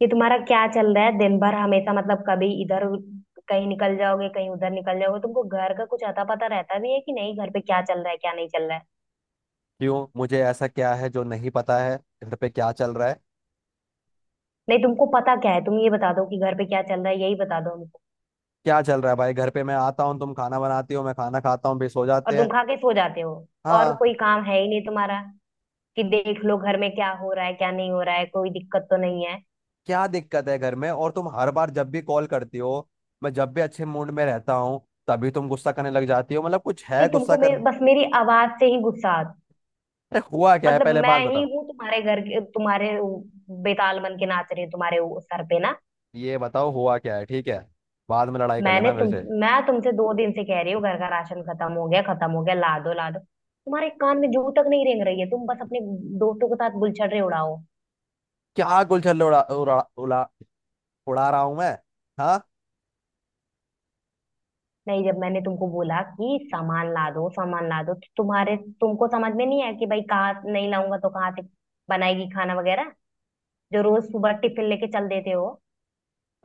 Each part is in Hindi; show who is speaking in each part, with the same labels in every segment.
Speaker 1: कि तुम्हारा क्या चल रहा है दिन भर? हमेशा मतलब कभी इधर कहीं निकल जाओगे, कहीं उधर निकल जाओगे। तुमको घर का कुछ अता पता रहता भी है कि नहीं? घर पे क्या चल रहा है, क्या नहीं चल रहा है?
Speaker 2: क्यों? मुझे ऐसा क्या है जो नहीं पता है। घर पे क्या चल रहा है?
Speaker 1: नहीं, तुमको पता क्या है? तुम ये बता दो कि घर पे क्या चल रहा है, यही बता दो हमको।
Speaker 2: क्या चल रहा है भाई घर पे? मैं आता हूँ, तुम खाना बनाती हो, मैं खाना खाता हूँ, फिर सो
Speaker 1: और
Speaker 2: जाते
Speaker 1: तुम
Speaker 2: हैं।
Speaker 1: खा के सो जाते हो। और
Speaker 2: हाँ।
Speaker 1: कोई काम है ही नहीं तुम्हारा कि देख लो घर में क्या हो रहा है, क्या नहीं हो रहा है, कोई दिक्कत तो नहीं है।
Speaker 2: क्या दिक्कत है घर में? और तुम हर बार जब भी कॉल करती हो, मैं जब भी अच्छे मूड में रहता हूँ, तभी तुम गुस्सा करने लग जाती हो। मतलब कुछ
Speaker 1: नहीं,
Speaker 2: है गुस्सा
Speaker 1: तुमको
Speaker 2: करने।
Speaker 1: बस मेरी आवाज से ही गुस्सा।
Speaker 2: अरे हुआ क्या है?
Speaker 1: मतलब
Speaker 2: पहले
Speaker 1: मैं
Speaker 2: बात
Speaker 1: ही
Speaker 2: बताओ।
Speaker 1: हूँ तुम्हारे घर के, तुम्हारे बेताल बन के नाच रही हूँ तुम्हारे वो सर पे ना।
Speaker 2: ये बताओ हुआ क्या है। ठीक है, बाद में लड़ाई कर
Speaker 1: मैंने
Speaker 2: लेना मेरे
Speaker 1: तुम
Speaker 2: से।
Speaker 1: मैं तुमसे 2 दिन से कह रही हूँ घर का राशन खत्म हो गया, खत्म हो गया, ला दो ला दो, तुम्हारे कान में जू तक नहीं रेंग रही है। तुम बस अपने दोस्तों के साथ बुलछड़े उड़ाओ।
Speaker 2: क्या गुलछल उड़ा उड़ा उड़ा उड़ा रहा हूँ मैं? हाँ।
Speaker 1: नहीं, जब मैंने तुमको बोला कि सामान ला दो, सामान ला दो, तो तुम्हारे तुमको समझ में नहीं आया कि भाई कहाँ नहीं लाऊंगा तो कहाँ से बनाएगी खाना वगैरह जो रोज सुबह टिफिन लेके चल देते हो।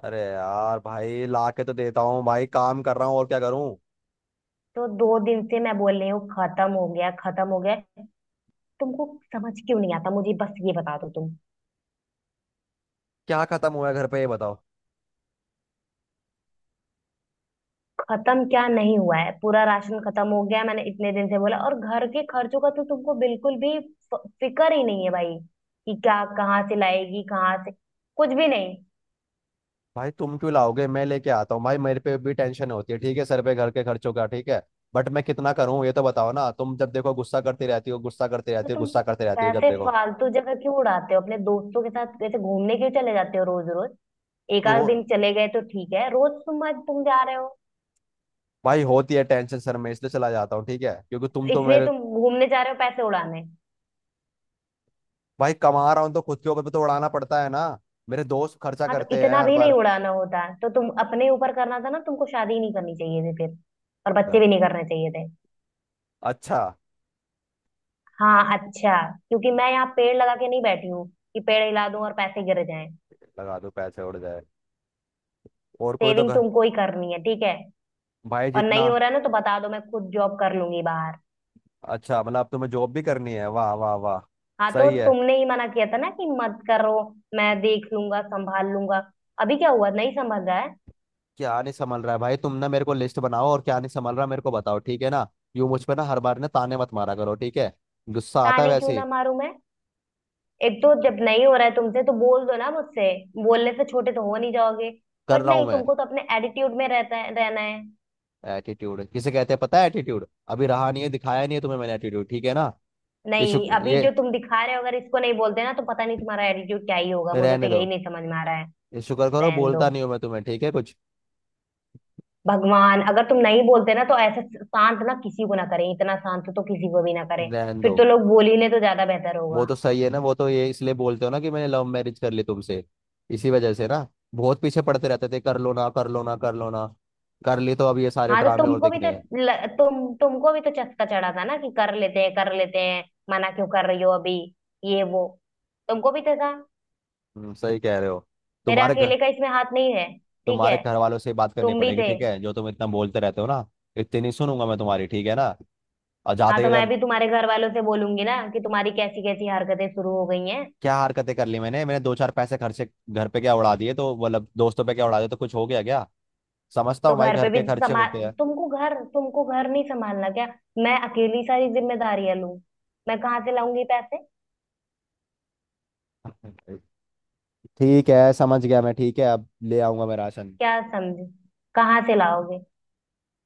Speaker 2: अरे यार भाई, ला के तो देता हूँ भाई। काम कर रहा हूँ, और क्या करूँ?
Speaker 1: तो 2 दिन से मैं बोल रही हूँ खत्म हो गया, खत्म हो गया। तुमको समझ क्यों नहीं आता? मुझे बस ये बता दो तुम।
Speaker 2: क्या खत्म हुआ है घर पे, ये बताओ।
Speaker 1: खत्म क्या नहीं हुआ है? पूरा राशन खत्म हो गया है। मैंने इतने दिन से बोला, और घर के खर्चों का तो तुमको बिल्कुल भी फिक्र ही नहीं है भाई कि क्या कहाँ से लाएगी, कहाँ से? कुछ भी नहीं।
Speaker 2: भाई, तुम क्यों लाओगे, मैं लेके आता हूँ भाई। मेरे पे भी टेंशन होती है ठीक है, सर पे घर के खर्चों का, ठीक है। बट मैं कितना करूँ ये तो बताओ ना। तुम जब देखो गुस्सा करती रहती हो, गुस्सा करती
Speaker 1: तो
Speaker 2: रहती हो,
Speaker 1: तुम
Speaker 2: गुस्सा करती रहती हो जब
Speaker 1: पैसे
Speaker 2: देखो।
Speaker 1: फालतू जगह क्यों उड़ाते हो? अपने दोस्तों के साथ वैसे घूमने क्यों चले जाते हो रोज रोज? एक
Speaker 2: रो
Speaker 1: आध दिन चले गए तो ठीक है, रोज तुम आज तुम जा रहे हो।
Speaker 2: भाई होती है टेंशन सर, मैं इसलिए चला जाता हूँ ठीक है, क्योंकि तुम तो
Speaker 1: इसलिए
Speaker 2: मेरे।
Speaker 1: तुम घूमने जा रहे हो पैसे उड़ाने?
Speaker 2: भाई कमा रहा हूँ तो खुद के ऊपर भी तो उड़ाना पड़ता है ना। मेरे दोस्त खर्चा
Speaker 1: हाँ, तो
Speaker 2: करते हैं
Speaker 1: इतना
Speaker 2: हर
Speaker 1: भी नहीं
Speaker 2: बार।
Speaker 1: उड़ाना होता तो तुम अपने ऊपर करना था ना। तुमको शादी ही नहीं करनी चाहिए थी फिर, और बच्चे
Speaker 2: क्या?
Speaker 1: भी नहीं करने चाहिए थे।
Speaker 2: अच्छा।
Speaker 1: हाँ, अच्छा। क्योंकि मैं यहाँ पेड़ लगा के नहीं बैठी हूँ कि पेड़ हिला दूं और पैसे गिर जाएं।
Speaker 2: लगा दो पैसे उड़ जाए। और कोई तो
Speaker 1: सेविंग
Speaker 2: घर।
Speaker 1: तुमको ही करनी है, ठीक है?
Speaker 2: भाई
Speaker 1: और नहीं
Speaker 2: जितना।
Speaker 1: हो रहा ना तो बता दो, मैं खुद जॉब कर लूंगी बाहर।
Speaker 2: अच्छा, मतलब अब तुम्हें जॉब भी करनी है? वाह वाह वाह।
Speaker 1: हाँ, तो
Speaker 2: सही है।
Speaker 1: तुमने ही मना किया था ना कि मत करो, मैं देख लूंगा संभाल लूंगा। अभी क्या हुआ, नहीं संभल रहा है?
Speaker 2: क्या नहीं संभल रहा है भाई? तुम ना मेरे को लिस्ट बनाओ, और क्या नहीं संभल रहा मेरे को बताओ, ठीक है ना? यूं मुझ पे ना, हर बार ना ताने मत मारा करो, ठीक है। गुस्सा आता है
Speaker 1: ताने क्यों
Speaker 2: वैसे ही।
Speaker 1: ना मारूं मैं? एक तो जब नहीं हो रहा है तुमसे तो बोल दो ना मुझसे, बोलने से छोटे तो हो नहीं जाओगे।
Speaker 2: कर
Speaker 1: बट
Speaker 2: रहा हूं
Speaker 1: नहीं,
Speaker 2: मैं।
Speaker 1: तुमको तो अपने एटीट्यूड में रहता है, रहना है।
Speaker 2: एटीट्यूड किसे कहते हैं, पता है एटीट्यूड? अभी रहा नहीं है, दिखाया नहीं है तुम्हें मैंने एटीट्यूड, ठीक है ना? ये
Speaker 1: नहीं,
Speaker 2: शुक्र
Speaker 1: अभी जो
Speaker 2: ये
Speaker 1: तुम दिखा रहे हो अगर इसको नहीं बोलते ना तो पता नहीं तुम्हारा एटीट्यूड क्या ही होगा, मुझे तो
Speaker 2: रहने दो।
Speaker 1: यही नहीं समझ में आ रहा है।
Speaker 2: ये शुक्र करो
Speaker 1: रहन दो।
Speaker 2: बोलता नहीं हूं मैं तुम्हें, ठीक है कुछ।
Speaker 1: भगवान अगर तुम नहीं बोलते ना तो ऐसे शांत ना किसी को ना करें, इतना शांत तो किसी को भी ना करें।
Speaker 2: रहने
Speaker 1: फिर
Speaker 2: दो।
Speaker 1: तो लोग बोल ही ले तो ज्यादा बेहतर
Speaker 2: वो
Speaker 1: होगा।
Speaker 2: तो सही है ना, वो तो ये इसलिए बोलते हो ना कि मैंने लव मैरिज कर ली तुमसे, इसी वजह से ना। बहुत पीछे पड़ते रहते थे, कर लो ना, कर लो ना, कर लो ना। कर ली तो अब ये सारे
Speaker 1: हाँ, तो
Speaker 2: ड्रामे और
Speaker 1: तुमको
Speaker 2: दिख
Speaker 1: भी
Speaker 2: रहे
Speaker 1: तो
Speaker 2: हैं।
Speaker 1: तुमको भी तो चस्का चढ़ा था ना कि कर लेते हैं, कर लेते हैं, मना क्यों कर रही हो अभी, ये वो, तुमको भी तो था।
Speaker 2: सही कह रहे हो।
Speaker 1: मेरा
Speaker 2: तुम्हारे घर।
Speaker 1: अकेले का इसमें हाथ नहीं है, ठीक
Speaker 2: तुम्हारे
Speaker 1: है?
Speaker 2: घर वालों से बात करनी
Speaker 1: तुम भी
Speaker 2: पड़ेगी,
Speaker 1: थे।
Speaker 2: ठीक है, जो तुम इतना बोलते रहते हो ना। इतनी नहीं सुनूंगा मैं तुम्हारी, ठीक है ना? और
Speaker 1: हाँ,
Speaker 2: जाते ही
Speaker 1: तो मैं
Speaker 2: अगर।
Speaker 1: भी तुम्हारे घर वालों से बोलूंगी ना कि तुम्हारी कैसी कैसी हरकतें शुरू हो गई हैं।
Speaker 2: क्या हरकतें कर ली मैंने मैंने दो चार पैसे खर्चे, घर पे क्या उड़ा दिए तो मतलब, दोस्तों पे क्या उड़ा दिए तो कुछ हो गया क्या? समझता
Speaker 1: तो
Speaker 2: हूँ भाई,
Speaker 1: घर पे
Speaker 2: घर
Speaker 1: भी
Speaker 2: के खर्चे होते
Speaker 1: संभाल, तुमको घर नहीं संभालना क्या? मैं अकेली सारी जिम्मेदारियां लूं? मैं कहाँ से लाऊंगी पैसे?
Speaker 2: हैं। ठीक है, समझ गया मैं, ठीक है। अब ले आऊंगा मैं राशन।
Speaker 1: क्या समझे? कहाँ से लाओगे?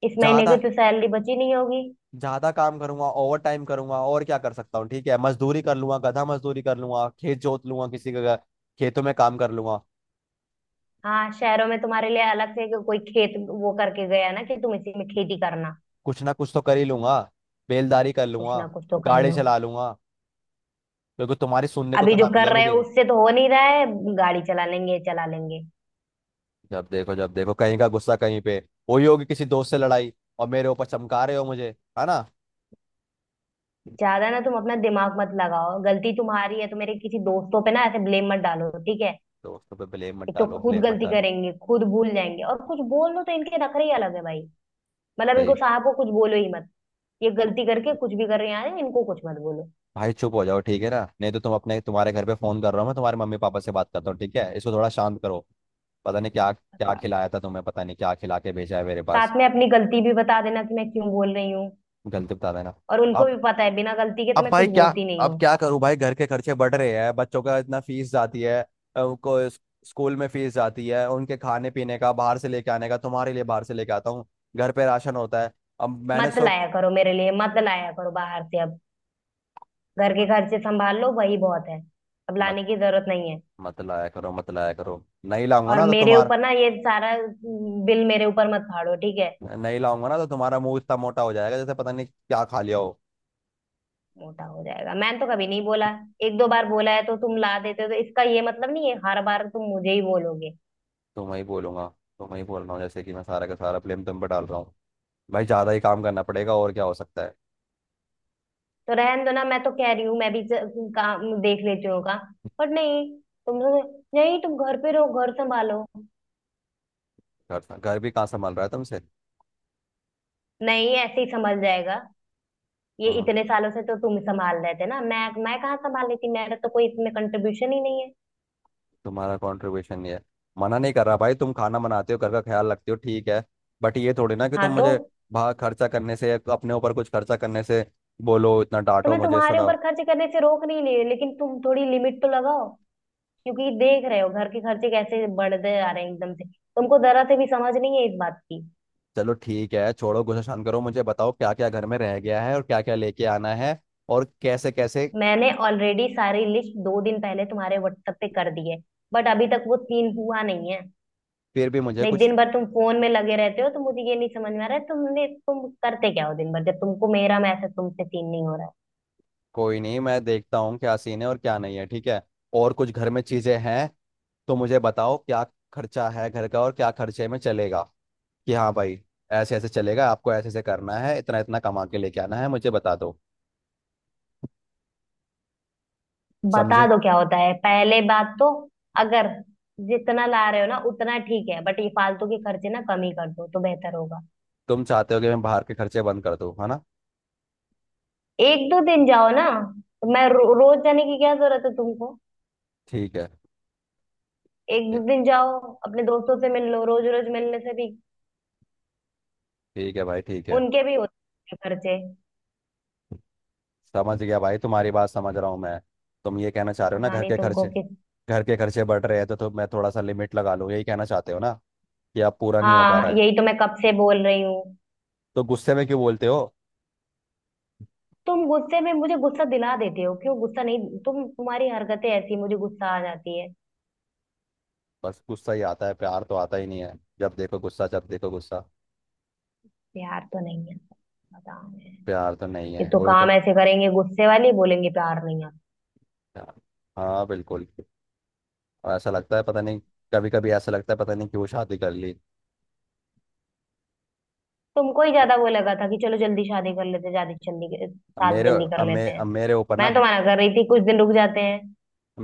Speaker 1: इस महीने की
Speaker 2: ज्यादा
Speaker 1: तो सैलरी बची नहीं होगी।
Speaker 2: ज्यादा काम करूंगा, ओवर टाइम करूंगा, और क्या कर सकता हूँ ठीक है। मजदूरी कर लूंगा, गधा मजदूरी कर लूंगा, खेत जोत लूंगा, किसी के घर- खेतों में काम कर लूंगा।
Speaker 1: हाँ, शहरों में तुम्हारे लिए अलग से कोई खेत वो करके गया ना कि तुम इसी में खेती करना।
Speaker 2: कुछ ना कुछ तो कर ही लूंगा। बेलदारी कर
Speaker 1: कुछ
Speaker 2: लूंगा।
Speaker 1: ना कुछ तो कर ही
Speaker 2: गाड़ी
Speaker 1: लो।
Speaker 2: चला लूंगा। क्योंकि तुम्हारी सुनने को
Speaker 1: अभी
Speaker 2: तो
Speaker 1: जो
Speaker 2: ना मिले
Speaker 1: कर रहे हो
Speaker 2: मुझे।
Speaker 1: उससे तो हो नहीं रहा है। गाड़ी चला लेंगे, चला लेंगे।
Speaker 2: जब देखो कहीं का गुस्सा कहीं पे। वही होगी किसी दोस्त से लड़ाई। और मेरे ऊपर चमका रहे हो मुझे, है ना?
Speaker 1: ज्यादा ना तुम अपना दिमाग मत लगाओ, गलती तुम्हारी है तो मेरे किसी दोस्तों पे ना ऐसे ब्लेम मत डालो, ठीक है?
Speaker 2: दोस्तों पे ब्लेम मत
Speaker 1: एक तो
Speaker 2: डालो,
Speaker 1: खुद
Speaker 2: ब्लेम मत
Speaker 1: गलती
Speaker 2: डालो।
Speaker 1: करेंगे, खुद भूल जाएंगे और कुछ बोल लो तो इनके नखरे ही अलग है भाई। मतलब इनको
Speaker 2: सही।
Speaker 1: साहब को कुछ बोलो ही मत, ये गलती करके कुछ भी कर रहे हैं, इनको कुछ मत बोलो।
Speaker 2: भाई चुप हो जाओ, ठीक है ना? नहीं तो तुम्हारे घर पे फोन कर रहा हूँ मैं, तुम्हारे मम्मी पापा से बात करता हूँ ठीक है, इसको थोड़ा शांत करो। पता नहीं क्या
Speaker 1: ऐसे
Speaker 2: क्या
Speaker 1: बात,
Speaker 2: खिलाया था तुम्हें, पता नहीं क्या खिला के भेजा है मेरे पास।
Speaker 1: साथ में अपनी गलती भी बता देना कि मैं क्यों बोल रही हूँ।
Speaker 2: गलती बता देना।
Speaker 1: और उनको भी
Speaker 2: अब
Speaker 1: पता है बिना गलती के तो
Speaker 2: अब
Speaker 1: मैं
Speaker 2: भाई
Speaker 1: कुछ
Speaker 2: क्या?
Speaker 1: बोलती नहीं
Speaker 2: अब
Speaker 1: हूँ।
Speaker 2: क्या करूं भाई? घर के खर्चे बढ़ रहे हैं, बच्चों का इतना फीस जाती है। अ, उनको इस- स्कूल में फीस जाती है, उनके खाने पीने का, बाहर से लेके आने का, तुम्हारे लिए बाहर से लेके आता हूँ। घर पे राशन होता है। अब मैंने
Speaker 1: मत
Speaker 2: सो।
Speaker 1: लाया करो, मेरे लिए मत लाया करो बाहर से अब। घर के
Speaker 2: मत
Speaker 1: खर्चे संभाल लो, वही बहुत है। अब
Speaker 2: मत
Speaker 1: लाने की जरूरत नहीं है।
Speaker 2: मत लाया करो, मत लाया करो। नहीं लाऊंगा
Speaker 1: और
Speaker 2: ना तो
Speaker 1: मेरे
Speaker 2: तुम्हारा
Speaker 1: ऊपर ना ये सारा बिल मेरे ऊपर मत फाड़ो, ठीक है?
Speaker 2: नहीं लाऊंगा ना तो तुम्हारा मुंह इतना मोटा हो जाएगा जैसे पता नहीं क्या खा लिया हो।
Speaker 1: मोटा हो जाएगा मैंने तो कभी नहीं बोला। एक दो बार बोला है तो तुम ला देते हो, तो इसका ये मतलब नहीं है हर बार तुम मुझे ही बोलोगे।
Speaker 2: तुम्हें ही बोलूंगा। तुम्हें ही बोल रहा हूँ, जैसे कि मैं सारा का सारा ब्लेम तुम पे डाल रहा हूँ। भाई, ज्यादा ही काम करना पड़ेगा, और क्या हो सकता है?
Speaker 1: तो रहन दो ना, मैं तो कह रही हूँ मैं भी काम देख लेती हूँ काम। पर नहीं, तुम लोग- नहीं तुम घर पे रहो घर संभालो।
Speaker 2: घर घर भी कहाँ संभाल रहा है तुमसे?
Speaker 1: नहीं, ऐसे ही संभल जाएगा। ये
Speaker 2: हाँ।
Speaker 1: इतने सालों से तो तुम संभाल रहे थे ना, मैं कहाँ संभाल लेती? मेरा तो कोई इसमें कंट्रीब्यूशन ही नहीं है।
Speaker 2: तुम्हारा कंट्रीब्यूशन ये है। मना नहीं कर रहा भाई, तुम खाना बनाते हो, घर का ख्याल रखते हो, ठीक है। बट ये थोड़ी ना कि
Speaker 1: हाँ,
Speaker 2: तुम
Speaker 1: तो
Speaker 2: मुझे बाहर खर्चा करने से या तो अपने ऊपर कुछ खर्चा करने से बोलो, इतना
Speaker 1: तो
Speaker 2: डांटो
Speaker 1: मैं
Speaker 2: मुझे,
Speaker 1: तुम्हारे
Speaker 2: सुनाओ।
Speaker 1: ऊपर खर्च करने से रोक नहीं रही, लेकिन तुम थोड़ी लिमिट तो लगाओ। क्योंकि देख रहे हो घर के खर्चे कैसे बढ़ते जा रहे हैं एकदम से, तुमको जरा से भी समझ नहीं है इस बात की।
Speaker 2: चलो ठीक है, छोड़ो, गुस्सा शांत करो, मुझे बताओ क्या क्या घर में रह गया है और क्या क्या लेके आना है। और कैसे कैसे।
Speaker 1: मैंने ऑलरेडी सारी लिस्ट 2 दिन पहले तुम्हारे व्हाट्सएप पे कर दी है, बट अभी तक वो सीन हुआ नहीं है।
Speaker 2: फिर भी मुझे
Speaker 1: नहीं,
Speaker 2: कुछ।
Speaker 1: दिन भर तुम फोन में लगे रहते हो तो मुझे ये नहीं समझ में आ रहा है, तुम करते क्या हो दिन भर जब तुमको मेरा मैसेज तुमसे सीन नहीं हो रहा है?
Speaker 2: कोई नहीं, मैं देखता हूँ क्या सीन है और क्या नहीं है, ठीक है। और कुछ घर में चीजें हैं, तो मुझे बताओ क्या खर्चा है घर का और क्या खर्चे में चलेगा। कि हाँ भाई, ऐसे ऐसे चलेगा, आपको ऐसे ऐसे करना है, इतना इतना कमा के लेके आना है, मुझे बता दो।
Speaker 1: बता
Speaker 2: समझे?
Speaker 1: दो क्या होता है पहले बात तो। अगर जितना ला रहे हो ना उतना ठीक है, बट ये फालतू के खर्चे ना कम ही कर दो तो बेहतर होगा।
Speaker 2: तुम चाहते हो कि मैं बाहर के खर्चे बंद कर दूँ, है ना?
Speaker 1: एक दो दिन जाओ ना, तो मैं रोज जाने की क्या जरूरत है तुमको?
Speaker 2: ठीक है।
Speaker 1: एक दो
Speaker 2: ए-
Speaker 1: दिन जाओ, अपने दोस्तों से मिल लो, रोज रोज मिलने से भी
Speaker 2: ठीक है भाई, ठीक है।
Speaker 1: उनके भी होते हैं खर्चे।
Speaker 2: समझ गया भाई, तुम्हारी बात समझ रहा हूँ मैं। तुम ये कहना चाह रहे हो ना,
Speaker 1: पता नहीं तुमको किस।
Speaker 2: घर के खर्चे बढ़ रहे हैं, तो मैं थोड़ा सा लिमिट लगा लूँ, यही कहना चाहते हो ना, कि अब पूरा नहीं हो पा
Speaker 1: हाँ,
Speaker 2: रहा है?
Speaker 1: यही तो मैं कब से बोल रही हूँ।
Speaker 2: तो गुस्से में क्यों बोलते हो?
Speaker 1: तुम गुस्से में मुझे गुस्सा दिला देते हो क्यों? गुस्सा नहीं, तुम्हारी हरकतें ऐसी मुझे गुस्सा आ जाती है।
Speaker 2: बस गुस्सा ही आता है, प्यार तो आता ही नहीं है। जब देखो गुस्सा, जब देखो गुस्सा।
Speaker 1: प्यार तो नहीं आता, पता नहीं।
Speaker 2: प्यार तो नहीं
Speaker 1: ये
Speaker 2: है,
Speaker 1: तो
Speaker 2: वही
Speaker 1: काम
Speaker 2: तो।
Speaker 1: ऐसे करेंगे, गुस्से वाली बोलेंगे, प्यार नहीं आता।
Speaker 2: हाँ, बिल्कुल। और ऐसा लगता है पता नहीं, कभी कभी ऐसा लगता है पता नहीं क्यों शादी कर ली।
Speaker 1: तुमको ही ज्यादा वो लगा था कि चलो जल्दी शादी कर लेते, शादी जल्दी, शादी जल्दी कर लेते हैं।
Speaker 2: अब मेरे ऊपर ना।
Speaker 1: मैं तो मना कर रही थी कुछ दिन रुक जाते हैं।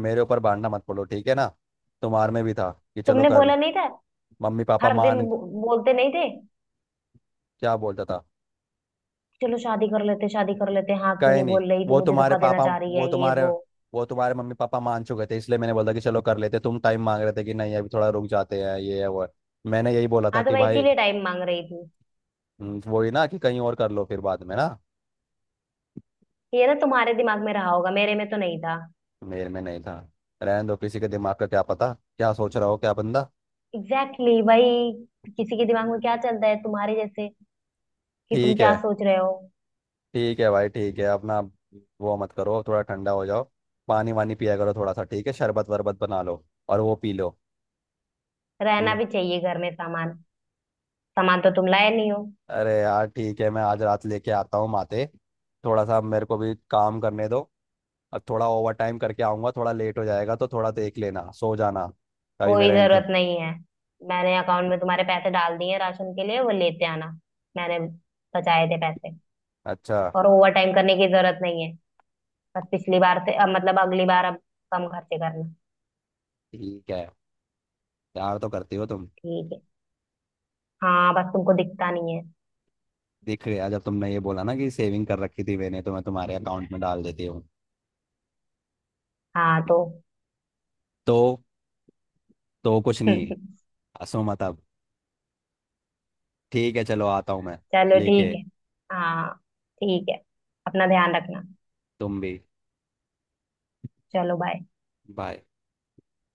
Speaker 2: मेरे ऊपर बांटना मत पड़ो, ठीक है ना? तुम्हारे में भी था कि चलो
Speaker 1: तुमने
Speaker 2: कर ली।
Speaker 1: बोला नहीं था?
Speaker 2: मम्मी पापा
Speaker 1: हर दिन
Speaker 2: मान।
Speaker 1: बोलते नहीं थे?
Speaker 2: क्या बोलता था?
Speaker 1: चलो शादी कर लेते, शादी कर लेते, हाँ क्यों
Speaker 2: कहे
Speaker 1: नहीं
Speaker 2: नहीं।
Speaker 1: बोल रही, तू
Speaker 2: वो
Speaker 1: मुझे
Speaker 2: तुम्हारे
Speaker 1: धोखा देना
Speaker 2: पापा
Speaker 1: चाह रही
Speaker 2: वो
Speaker 1: है, ये
Speaker 2: तुम्हारे
Speaker 1: वो।
Speaker 2: वो तुम्हारे मम्मी पापा मान चुके थे, इसलिए मैंने बोला कि चलो कर लेते, तुम टाइम मांग रहे थे कि नहीं अभी थोड़ा रुक जाते हैं, ये है वो है। मैंने यही बोला था
Speaker 1: हाँ, तो
Speaker 2: कि
Speaker 1: मैं
Speaker 2: भाई।
Speaker 1: इसीलिए टाइम मांग रही थी।
Speaker 2: वही ना कि कहीं और कर लो फिर बाद में ना।
Speaker 1: ये ना तुम्हारे दिमाग में रहा होगा, मेरे में तो नहीं था।
Speaker 2: मेरे में नहीं था। रहने दो, किसी के दिमाग का क्या पता क्या सोच रहा हो क्या बंदा।
Speaker 1: एग्जैक्टली exactly, भाई किसी के दिमाग में क्या चलता है तुम्हारे जैसे कि तुम
Speaker 2: ठीक
Speaker 1: क्या
Speaker 2: है।
Speaker 1: सोच रहे हो?
Speaker 2: ठीक है भाई, ठीक है। अपना वो मत करो, थोड़ा ठंडा हो जाओ। पानी वानी पिया करो थोड़ा सा, ठीक है? शरबत वरबत बना लो और वो पी लो।
Speaker 1: रहना
Speaker 2: हम्म।
Speaker 1: भी चाहिए घर में सामान, सामान तो तुम लाए नहीं हो।
Speaker 2: अरे यार ठीक है, मैं आज रात लेके आता हूँ माते। थोड़ा सा मेरे को भी काम करने दो। और थोड़ा ओवर टाइम करके आऊँगा, थोड़ा लेट हो जाएगा तो थोड़ा देख लेना, सो जाना। कभी
Speaker 1: कोई
Speaker 2: मेरा
Speaker 1: जरूरत
Speaker 2: इंतज़ार।
Speaker 1: नहीं है, मैंने अकाउंट में तुम्हारे पैसे डाल दिए हैं राशन के लिए, वो लेते आना। मैंने बचाए थे पैसे।
Speaker 2: अच्छा।
Speaker 1: और ओवर टाइम करने की जरूरत नहीं है, बस पिछली बार से अब मतलब अगली बार अब कम खर्चे करना।
Speaker 2: ठीक है, प्यार तो करती हो तुम।
Speaker 1: ठीक है। हाँ, बस तुमको दिखता नहीं है।
Speaker 2: दिख रहा है, जब तुमने ये बोला ना कि सेविंग कर रखी थी मैंने, तो मैं तुम्हारे अकाउंट में डाल देती हूँ।
Speaker 1: हाँ तो
Speaker 2: तो तो कुछ नहीं। हंसो मत अब। ठीक है, चलो आता हूँ मैं
Speaker 1: चलो,
Speaker 2: लेके।
Speaker 1: ठीक है। हाँ, ठीक है, अपना ध्यान रखना।
Speaker 2: तुम भी।
Speaker 1: चलो बाय।
Speaker 2: बाय।